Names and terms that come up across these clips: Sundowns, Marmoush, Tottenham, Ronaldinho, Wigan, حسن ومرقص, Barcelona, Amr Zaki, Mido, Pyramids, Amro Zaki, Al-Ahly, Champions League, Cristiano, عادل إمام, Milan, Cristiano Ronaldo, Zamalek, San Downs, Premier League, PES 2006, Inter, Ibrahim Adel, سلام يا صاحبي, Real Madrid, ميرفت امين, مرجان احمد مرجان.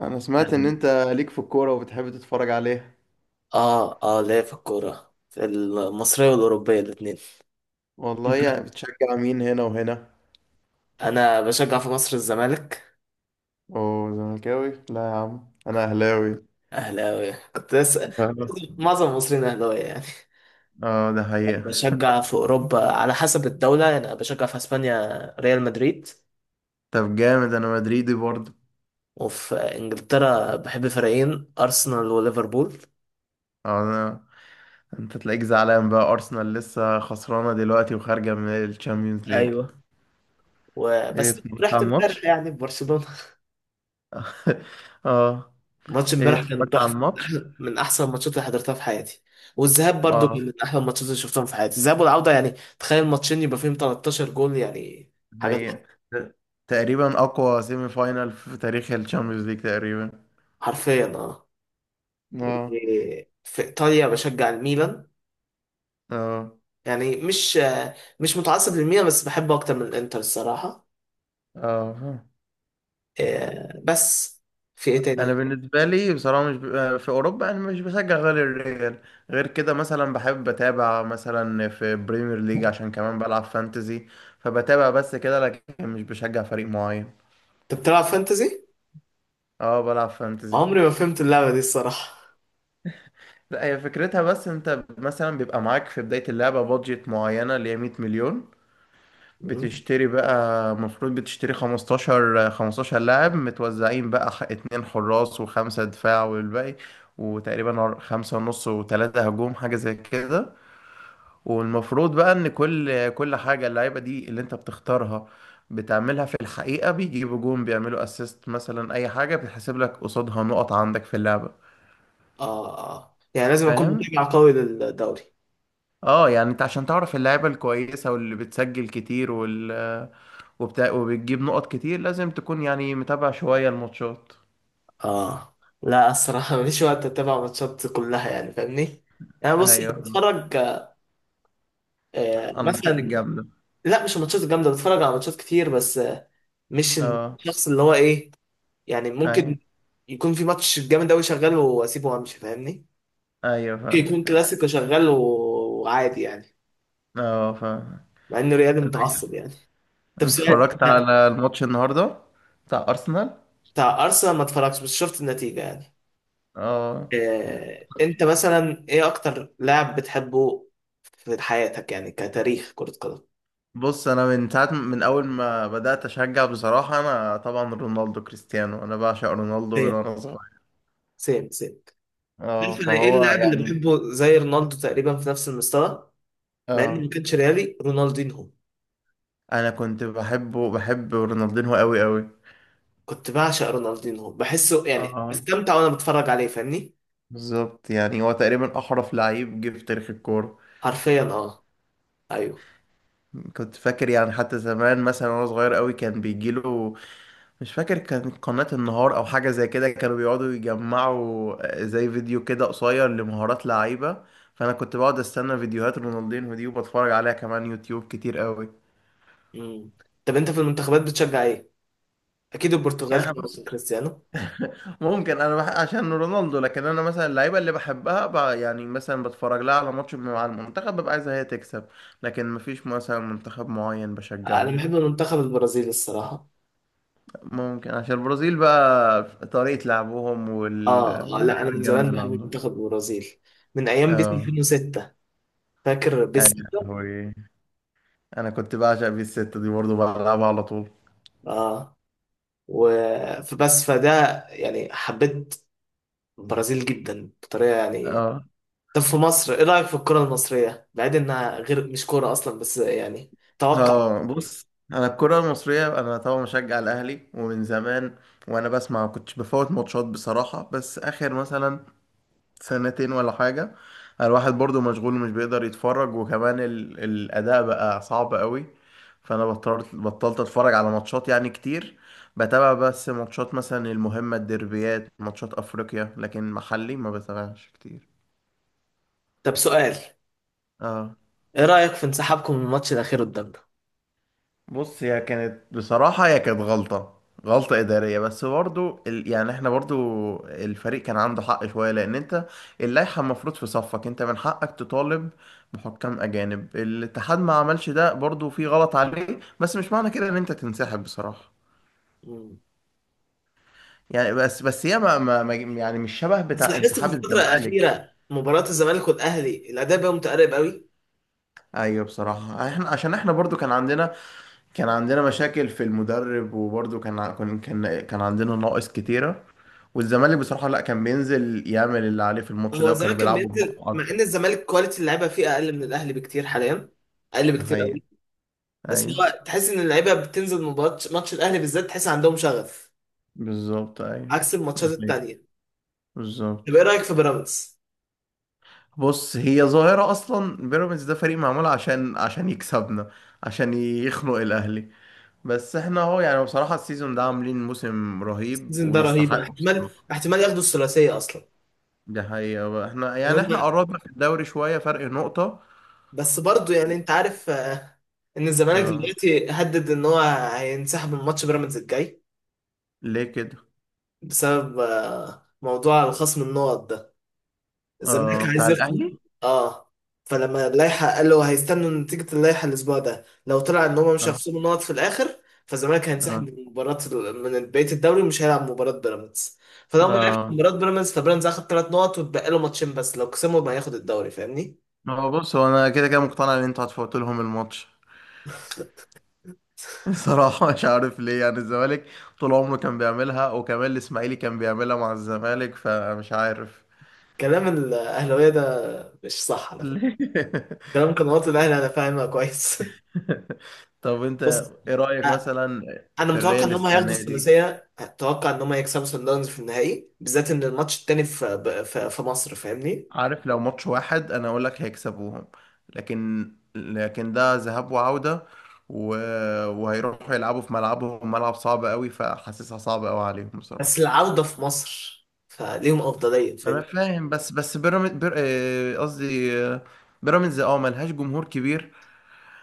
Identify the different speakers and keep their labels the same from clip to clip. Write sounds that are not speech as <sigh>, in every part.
Speaker 1: انا سمعت ان
Speaker 2: كان
Speaker 1: انت ليك في الكورة وبتحب تتفرج عليها.
Speaker 2: اه ليا في الكورة، في المصرية والأوروبية الاتنين.
Speaker 1: والله
Speaker 2: انت
Speaker 1: يعني بتشجع مين هنا وهنا؟
Speaker 2: أنا بشجع في مصر الزمالك.
Speaker 1: اوه زملكاوي، لا يا عم انا اهلاوي.
Speaker 2: أهلاوي كنت لسه.
Speaker 1: اه
Speaker 2: <laughs> معظم المصريين أهلاوية يعني.
Speaker 1: آه، ده حقيقة.
Speaker 2: بشجع في أوروبا على حسب الدولة، يعني أنا بشجع في أسبانيا ريال مدريد،
Speaker 1: طب جامد، انا مدريدي برضه.
Speaker 2: وفي إنجلترا بحب فريقين: أرسنال وليفربول.
Speaker 1: انا انت تلاقيك زعلان بقى ارسنال لسه خسرانة دلوقتي وخارجة من الشامبيونز ليج.
Speaker 2: أيوه،
Speaker 1: ايه
Speaker 2: وبس
Speaker 1: اتفرجت
Speaker 2: رحت
Speaker 1: على الماتش؟
Speaker 2: امبارح يعني في برشلونة.
Speaker 1: <laughs> اه.
Speaker 2: ماتش
Speaker 1: ايه
Speaker 2: امبارح كان
Speaker 1: اتفرجت على
Speaker 2: تحفه، من
Speaker 1: الماتش؟
Speaker 2: من احسن الماتشات اللي حضرتها في حياتي. والذهاب برضو كان
Speaker 1: اه.
Speaker 2: من احلى الماتشات اللي شفتهم في حياتي، الذهاب والعوده يعني. تخيل ماتشين يبقى فيهم 13 جول يعني.
Speaker 1: ده
Speaker 2: حاجه
Speaker 1: حقيقة.
Speaker 2: تحفة.
Speaker 1: تقريبا اقوى سيمي فاينال في تاريخ الشامبيونز ليج تقريبا.
Speaker 2: حرفيا اه.
Speaker 1: اه.
Speaker 2: إيه، في ايطاليا بشجع الميلان.
Speaker 1: اه.
Speaker 2: يعني مش مش متعصب للميلان، بس بحبه اكتر من الانتر الصراحه.
Speaker 1: اه. فاهم.
Speaker 2: إيه، بس في ايه
Speaker 1: انا
Speaker 2: تاني؟
Speaker 1: بالنسبه لي بصراحه مش ب... آه، في اوروبا انا مش بشجع غير الريال. غير كده مثلا بحب اتابع مثلا في بريمير ليج عشان كمان بلعب فانتزي، فبتابع بس كده لكن مش بشجع فريق معين.
Speaker 2: انت بتلعب فانتزي؟
Speaker 1: اه بلعب فانتزي.
Speaker 2: عمري ما فهمت اللعبه دي الصراحه.
Speaker 1: لا، هي فكرتها بس انت مثلا بيبقى معاك في بدايه اللعبه بادجت معينه اللي هي 100 مليون.
Speaker 2: مم.
Speaker 1: بتشتري بقى، المفروض بتشتري 15 لاعب متوزعين بقى، اتنين حراس وخمسة دفاع والباقي، وتقريبا خمسة ونص وتلاتة هجوم حاجة زي كده. والمفروض بقى ان كل حاجة اللعيبة دي اللي انت بتختارها بتعملها في الحقيقة، بيجيبوا جون، بيعملوا اسيست، مثلا اي حاجة بتحسب لك قصادها نقط عندك في اللعبة.
Speaker 2: اه اه، يعني لازم اكون
Speaker 1: فاهم؟
Speaker 2: متابع قوي للدوري.
Speaker 1: اه يعني انت عشان تعرف اللعيبة الكويسة واللي بتسجل كتير وال وبتجيب نقط كتير، لازم تكون يعني متابع شوية الماتشات.
Speaker 2: اه لا، الصراحة مفيش وقت اتابع ماتشات كلها يعني، فاهمني؟ يعني بص،
Speaker 1: ايوه.
Speaker 2: بتفرج
Speaker 1: الماتشات
Speaker 2: مثلا.
Speaker 1: الجامدة.
Speaker 2: لا، مش الماتشات الجامدة، بتفرج على ماتشات كتير، بس مش
Speaker 1: اه.
Speaker 2: الشخص اللي هو ايه، يعني ممكن
Speaker 1: ايوه.
Speaker 2: يكون في ماتش جامد قوي شغال واسيبه وامشي، فاهمني؟
Speaker 1: ايوه
Speaker 2: ممكن يكون
Speaker 1: فاهمك. اه.
Speaker 2: كلاسيكو شغال وعادي يعني،
Speaker 1: اه فاهمك.
Speaker 2: مع انه ريالي
Speaker 1: طب
Speaker 2: متعصب يعني. طب سؤال،
Speaker 1: اتفرجت
Speaker 2: انت
Speaker 1: على الماتش النهاردة بتاع أرسنال؟
Speaker 2: بتاع ارسنال ما اتفرجتش، بس شفت النتيجة يعني.
Speaker 1: اه.
Speaker 2: انت مثلا ايه اكتر لاعب بتحبه في حياتك، يعني كتاريخ كرة قدم؟
Speaker 1: بص، انا من ساعة، من اول ما بدأت اشجع بصراحة انا طبعا رونالدو كريستيانو، انا بعشق رونالدو من
Speaker 2: سيم
Speaker 1: وانا صغير.
Speaker 2: سيم سيم
Speaker 1: اه
Speaker 2: عارف انا ايه
Speaker 1: فهو
Speaker 2: اللاعب اللي
Speaker 1: يعني.
Speaker 2: بحبه زي رونالدو تقريبا في نفس المستوى؟ مع اني
Speaker 1: اه.
Speaker 2: ما كانش ريالي، رونالدينهو.
Speaker 1: انا كنت بحبه، بحب رونالدينهو قوي قوي.
Speaker 2: كنت بعشق رونالدينهو، بحسه يعني
Speaker 1: اه
Speaker 2: بستمتع وانا بتفرج عليه، فاهمني؟
Speaker 1: بالظبط، يعني هو تقريبا احرف لعيب جه في تاريخ الكوره.
Speaker 2: حرفيا اه. ايوه.
Speaker 1: كنت فاكر يعني حتى زمان مثلا وانا صغير قوي كان بيجيله، مش فاكر كان قناه النهار او حاجه زي كده، كانوا بيقعدوا يجمعوا زي فيديو كده قصير لمهارات لعيبه، فانا كنت بقعد استنى فيديوهات رونالدينو دي وبتفرج عليها كمان يوتيوب كتير قوي.
Speaker 2: مم. طب انت في المنتخبات بتشجع ايه؟ اكيد البرتغال
Speaker 1: يعني
Speaker 2: طبعا عشان
Speaker 1: بص،
Speaker 2: كريستيانو.
Speaker 1: عشان رونالدو، لكن انا مثلا اللعيبه اللي بحبها يعني مثلا بتفرج لها على ماتش مع المنتخب، ببقى عايزها هي تكسب، لكن مفيش مثلا منتخب معين بشجعه
Speaker 2: انا
Speaker 1: لا.
Speaker 2: بحب المنتخب البرازيلي الصراحة.
Speaker 1: ممكن عشان البرازيل بقى، طريقة لعبهم
Speaker 2: اه، لا انا
Speaker 1: واللعيبة
Speaker 2: من
Speaker 1: الجامدة
Speaker 2: زمان
Speaker 1: اللي
Speaker 2: بحب
Speaker 1: عندهم.
Speaker 2: منتخب البرازيل، من ايام بيس
Speaker 1: اه.
Speaker 2: 2006. فاكر بيس 6؟
Speaker 1: ايوه. انا كنت بعشق بيه الستة دي برضه، بلعبها على طول.
Speaker 2: اه. و فبس فده يعني، حبيت البرازيل جدا بطريقه يعني.
Speaker 1: اه.
Speaker 2: طب في مصر، ايه رايك في الكره المصريه، بعيد انها غير مش كوره اصلا، بس يعني توقع.
Speaker 1: اه بص، انا الكرة المصرية انا طبعا مشجع الاهلي ومن زمان، وانا بسمع كنتش بفوت ماتشات بصراحة، بس اخر مثلا سنتين ولا حاجة الواحد برضو مشغول ومش بيقدر يتفرج، وكمان الأداء بقى صعب قوي، فأنا بطلت أتفرج على ماتشات يعني كتير. بتابع بس ماتشات مثلا المهمة، الديربيات، ماتشات أفريقيا، لكن محلي ما بتابعش كتير.
Speaker 2: طب سؤال،
Speaker 1: اه
Speaker 2: ايه رايك في انسحابكم من الماتش الاخير قدامنا؟
Speaker 1: بص، هي كانت بصراحة، هي كانت غلطة، غلطة إدارية، بس برضو يعني احنا برضو الفريق كان عنده حق شوية، لأن انت اللائحة المفروض في صفك، انت من حقك تطالب بحكام أجانب، الاتحاد ما عملش ده، برضو في غلط عليه، بس مش معنى كده إن انت تنسحب بصراحة.
Speaker 2: مم.
Speaker 1: يعني بس بس هي ما... ما... ما... يعني مش شبه
Speaker 2: بس
Speaker 1: بتاع
Speaker 2: لاحظت في
Speaker 1: انسحاب
Speaker 2: الفتره
Speaker 1: الزمالك.
Speaker 2: الاخيره، مباراه الزمالك والاهلي الاداء بقى متقارب قوي.
Speaker 1: أيوه بصراحة، احنا عشان احنا برضو كان عندنا، كان عندنا مشاكل في المدرب، وبرضه كان كان عندنا نواقص كتيرة. والزمالك بصراحة لا، كان بينزل يعمل اللي عليه في الماتش
Speaker 2: هو
Speaker 1: ده، وكانوا
Speaker 2: زمان كان
Speaker 1: بيلعبوا بروح
Speaker 2: بينزل مع
Speaker 1: أكتر.
Speaker 2: ان الزمالك كواليتي اللعيبه فيه اقل من الاهلي بكتير حاليا، اقل
Speaker 1: ده
Speaker 2: بكتير
Speaker 1: حقيقي.
Speaker 2: قوي. بس
Speaker 1: أيوه
Speaker 2: هو تحس ان اللعيبه بتنزل ماتش الاهلي بالذات تحس عندهم شغف،
Speaker 1: بالظبط أيوه.
Speaker 2: عكس الماتشات
Speaker 1: ده حقيقي.
Speaker 2: التانيه. طب ايه
Speaker 1: بالظبط.
Speaker 2: رايك في بيراميدز؟
Speaker 1: بص، هي ظاهرة أصلا بيراميدز ده، فريق معمول عشان يكسبنا، عشان يخنق الأهلي، بس احنا اهو يعني بصراحة السيزون ده عاملين موسم رهيب
Speaker 2: السيزون ده رهيب، أنا
Speaker 1: ويستحق
Speaker 2: احتمال
Speaker 1: بصراحة.
Speaker 2: احتمال ياخدوا الثلاثيه اصلا.
Speaker 1: ده حقيقة بقى. احنا
Speaker 2: إن
Speaker 1: يعني
Speaker 2: هم،
Speaker 1: احنا قربنا في الدوري شوية، فرق نقطة.
Speaker 2: بس برضه يعني انت عارف ان الزمالك
Speaker 1: اه.
Speaker 2: دلوقتي هدد ان هو هينسحب من ماتش بيراميدز الجاي،
Speaker 1: ليه كده؟
Speaker 2: بسبب موضوع الخصم النقط ده. الزمالك
Speaker 1: آه بتاع
Speaker 2: عايز يخطف.
Speaker 1: الاهلي.
Speaker 2: اه، فلما اللائحه قال له هيستنوا نتيجه اللائحه الاسبوع ده، لو طلع ان هم مش
Speaker 1: اه.
Speaker 2: هيخصموا نقط في الاخر، فالزمالك هينسحب
Speaker 1: اه.
Speaker 2: من مباراه، من بقيه الدوري، ومش هيلعب مباراه بيراميدز. فلو ما لعبش
Speaker 1: اه.
Speaker 2: مباراه بيراميدز، فبيراميدز هياخد ثلاث نقط وتبقى له ماتشين بس، لو كسبهم هياخد الدوري، فاهمني؟
Speaker 1: هو بص، هو انا كده كده مقتنع ان انتوا هتفوتوا لهم الماتش. <laughs> صراحة مش عارف ليه يعني الزمالك طول عمره كان بيعملها، وكمان الاسماعيلي كان بيعملها مع الزمالك، فمش عارف
Speaker 2: كلام الاهلاويه ده مش صح على فكره.
Speaker 1: ليه.
Speaker 2: كلام قنوات الاهلي انا فاهمها كويس.
Speaker 1: <laughs> طب
Speaker 2: <laughs>
Speaker 1: انت
Speaker 2: بص،
Speaker 1: ايه رأيك مثلا
Speaker 2: انا
Speaker 1: في
Speaker 2: متوقع
Speaker 1: الريال
Speaker 2: ان هم هياخدوا
Speaker 1: السنة دي؟
Speaker 2: الثلاثيه. اتوقع ان هم هيكسبوا سان داونز في النهائي، بالذات ان الماتش التاني في في مصر، فاهمني؟
Speaker 1: عارف، لو ماتش واحد انا اقول لك هيكسبوهم، لكن ده ذهاب وعودة، و... وهيروحوا يلعبوا في ملعبهم، ملعب صعب قوي، فحاسسها صعبة قوي عليهم
Speaker 2: بس
Speaker 1: بصراحة.
Speaker 2: العوده في مصر فليهم افضليه،
Speaker 1: انا
Speaker 2: فاهمني؟
Speaker 1: فاهم، بس بس بيراميدز بير... آه، قصدي بيراميدز اه ملهاش جمهور كبير،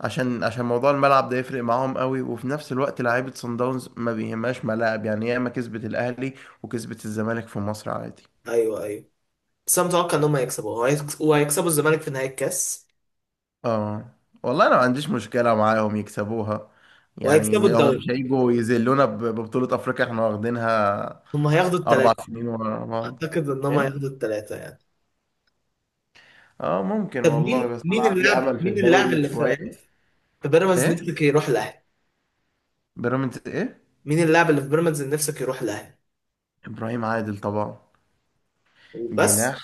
Speaker 1: عشان موضوع الملعب ده يفرق معاهم قوي، وفي نفس الوقت لعيبة صن داونز ما بيهمهاش ملاعب، يعني ياما كسبت الاهلي وكسبت الزمالك في مصر عادي.
Speaker 2: ايوه ايوه. بس انا متوقع ان هم هيكسبوا، وهيكسبوا الزمالك في نهائي الكاس،
Speaker 1: اه. والله انا ما عنديش مشكلة معاهم يكسبوها، يعني
Speaker 2: وهيكسبوا
Speaker 1: هم مش
Speaker 2: الدوري.
Speaker 1: هيجوا يذلونا ببطولة افريقيا احنا واخدينها
Speaker 2: هم هياخدوا
Speaker 1: اربع
Speaker 2: الثلاثه.
Speaker 1: سنين ورا بعض.
Speaker 2: اعتقد ان هم
Speaker 1: ايه.
Speaker 2: هياخدوا الثلاثه يعني.
Speaker 1: اه ممكن
Speaker 2: طب
Speaker 1: والله،
Speaker 2: مين
Speaker 1: بس انا
Speaker 2: مين
Speaker 1: عندي
Speaker 2: اللاعب
Speaker 1: امل في
Speaker 2: مين اللاعب
Speaker 1: الدوري
Speaker 2: اللي في
Speaker 1: شوية.
Speaker 2: في بيراميدز
Speaker 1: ايه؟
Speaker 2: نفسك يروح الاهلي؟
Speaker 1: بيراميدز ايه؟
Speaker 2: مين اللاعب اللي في بيراميدز اللي نفسك يروح الاهلي؟
Speaker 1: ابراهيم عادل طبعا،
Speaker 2: وبس؟
Speaker 1: جناح.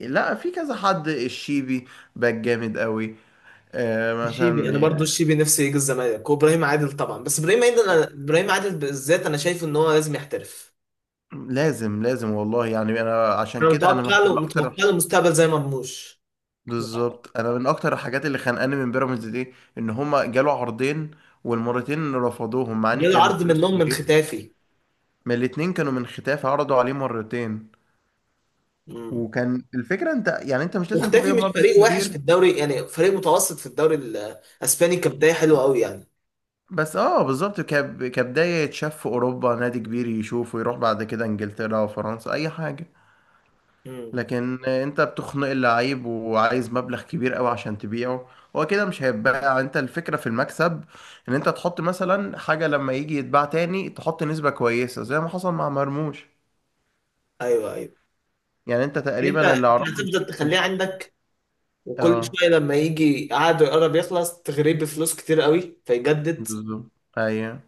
Speaker 1: لا في كذا حد، الشيبي باك جامد قوي، آه
Speaker 2: الشيبي
Speaker 1: مثلا
Speaker 2: انا برضو
Speaker 1: آه،
Speaker 2: الشيبي نفسي يجي الزمالك، وابراهيم عادل طبعا. بس ابراهيم عادل أنا... ابراهيم عادل بالذات انا شايفه ان هو لازم يحترف.
Speaker 1: لازم لازم والله، يعني انا عشان
Speaker 2: انا
Speaker 1: كده انا
Speaker 2: متوقع له
Speaker 1: اكتر.
Speaker 2: مستقبل زي مرموش.
Speaker 1: بالظبط، انا من اكتر الحاجات اللي خانقاني من بيراميدز دي ان هما جالوا عرضين، والمرتين رفضوهم مع ان
Speaker 2: جاله
Speaker 1: كان
Speaker 2: عرض
Speaker 1: فلوس
Speaker 2: منهم من
Speaker 1: كويس.
Speaker 2: ختافي؟
Speaker 1: من الاتنين، كانوا من ختاف، عرضوا عليه مرتين.
Speaker 2: امم.
Speaker 1: وكان الفكره انت يعني انت مش لازم
Speaker 2: وختافي
Speaker 1: تبيع
Speaker 2: مش
Speaker 1: بمبلغ
Speaker 2: فريق وحش في
Speaker 1: كبير.
Speaker 2: الدوري يعني، فريق متوسط في الدوري الاسباني، كبدايه حلوه قوي يعني.
Speaker 1: بس اه، بالظبط، كبدايه يتشاف في اوروبا، نادي كبير يشوفه، يروح بعد كده انجلترا وفرنسا اي حاجه.
Speaker 2: امم.
Speaker 1: لكن انت بتخنق اللعيب وعايز مبلغ كبير قوي عشان تبيعه، هو كده مش هيتباع. انت الفكرة في المكسب، ان انت تحط مثلا حاجة لما يجي يتباع تاني تحط نسبة كويسة زي ما حصل مع مرموش.
Speaker 2: ايوه ايوه.
Speaker 1: يعني انت
Speaker 2: انت
Speaker 1: تقريبا اللي
Speaker 2: انت
Speaker 1: اعرفه
Speaker 2: هتفضل
Speaker 1: مش
Speaker 2: تخليه
Speaker 1: مش
Speaker 2: عندك، وكل
Speaker 1: اه.
Speaker 2: شويه لما يجي عقده يقرب يخلص تغريه بفلوس كتير قوي فيجدد.
Speaker 1: بالظبط. ايوه.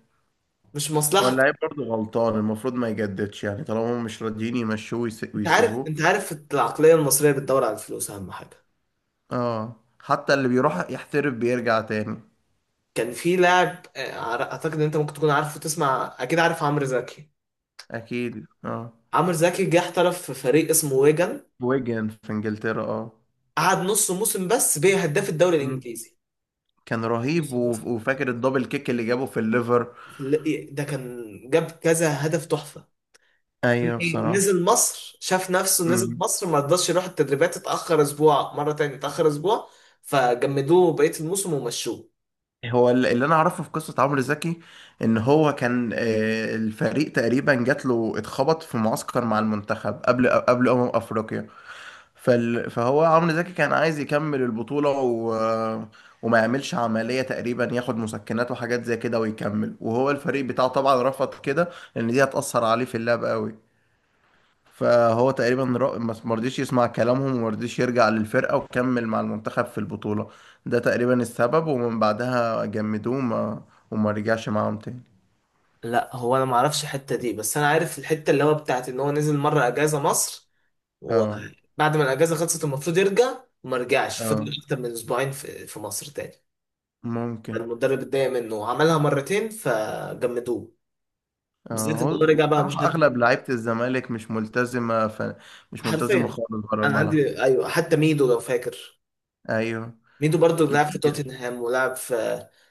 Speaker 2: مش
Speaker 1: هو
Speaker 2: مصلحه.
Speaker 1: اللعيب برضه غلطان، المفروض ما يجددش يعني، طالما هم مش راضيين يمشوه
Speaker 2: انت عارف
Speaker 1: ويسيبوه.
Speaker 2: انت عارف العقليه المصريه بتدور على الفلوس اهم حاجه.
Speaker 1: اه. حتى اللي بيروح يحترف بيرجع تاني.
Speaker 2: كان في لاعب اعتقد ان انت ممكن تكون عارفه، تسمع، اكيد عارف عمرو زكي.
Speaker 1: اكيد اه.
Speaker 2: عمرو زكي جه احترف في فريق اسمه ويجن.
Speaker 1: ويجن في انجلترا، اه.
Speaker 2: قعد نص موسم بس بيه هداف الدوري الانجليزي.
Speaker 1: كان رهيب،
Speaker 2: نص موسم
Speaker 1: وفاكر الدبل كيك اللي جابه في الليفر.
Speaker 2: ده كان جاب كذا هدف تحفه.
Speaker 1: ايوه بصراحة.
Speaker 2: نزل مصر، شاف نفسه، نزل
Speaker 1: مم.
Speaker 2: مصر ما رضاش يروح التدريبات، اتاخر اسبوع، مره تاني اتاخر اسبوع، فجمدوه بقيه الموسم ومشوه.
Speaker 1: هو اللي انا اعرفه في قصة عمرو زكي، ان هو كان الفريق تقريبا جات له، اتخبط في معسكر مع المنتخب قبل افريقيا، فهو عمرو زكي كان عايز يكمل البطولة، و... وما يعملش عملية تقريبا، ياخد مسكنات وحاجات زي كده ويكمل، وهو الفريق بتاعه طبعا رفض كده، لان دي هتأثر عليه في اللعب قوي. فهو تقريبا ما مرضيش يسمع كلامهم وما رضيش يرجع للفرقة، وكمل مع المنتخب في البطولة. ده تقريبا السبب، ومن بعدها جمدوه وما رجعش معاهم تاني.
Speaker 2: لا هو انا ما اعرفش الحته دي، بس انا عارف الحته اللي هو بتاعت ان هو نزل مره اجازه مصر،
Speaker 1: اه.
Speaker 2: وبعد ما الاجازه خلصت المفروض يرجع وما رجعش،
Speaker 1: اه
Speaker 2: فضل اكتر من اسبوعين في مصر تاني.
Speaker 1: ممكن.
Speaker 2: المدرب اتضايق منه وعملها مرتين فجمدوه،
Speaker 1: اه
Speaker 2: بالذات ان
Speaker 1: هو
Speaker 2: هو رجع بقى مش
Speaker 1: بصراحة أغلب لعيبة الزمالك مش ملتزمة مش ملتزمة
Speaker 2: حرفيا.
Speaker 1: خالص بره
Speaker 2: انا
Speaker 1: الملعب.
Speaker 2: عندي ايوه، حتى ميدو لو فاكر.
Speaker 1: أيوه.
Speaker 2: ميدو برضو لعب في
Speaker 1: كتير.
Speaker 2: توتنهام ولعب في،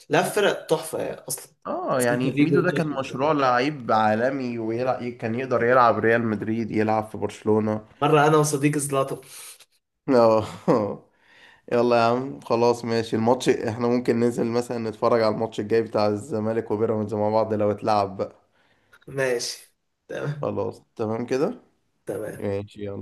Speaker 2: لعب في فرق تحفه يعني اصلا.
Speaker 1: اه
Speaker 2: بس انت
Speaker 1: يعني
Speaker 2: فيجو
Speaker 1: ميدو ده كان
Speaker 2: وتوتنهام.
Speaker 1: مشروع لعيب عالمي ويلعب، كان يقدر يلعب ريال مدريد، يلعب في برشلونة.
Speaker 2: مره انا وصديقي زلاطه.
Speaker 1: اه. <laughs> يلا يا عم خلاص ماشي، الماتش احنا ممكن ننزل مثلا نتفرج على الماتش الجاي بتاع الزمالك وبيراميدز مع بعض لو اتلعب بقى.
Speaker 2: ماشي. تمام.
Speaker 1: خلاص تمام كده.
Speaker 2: تمام.
Speaker 1: ماشي يلا.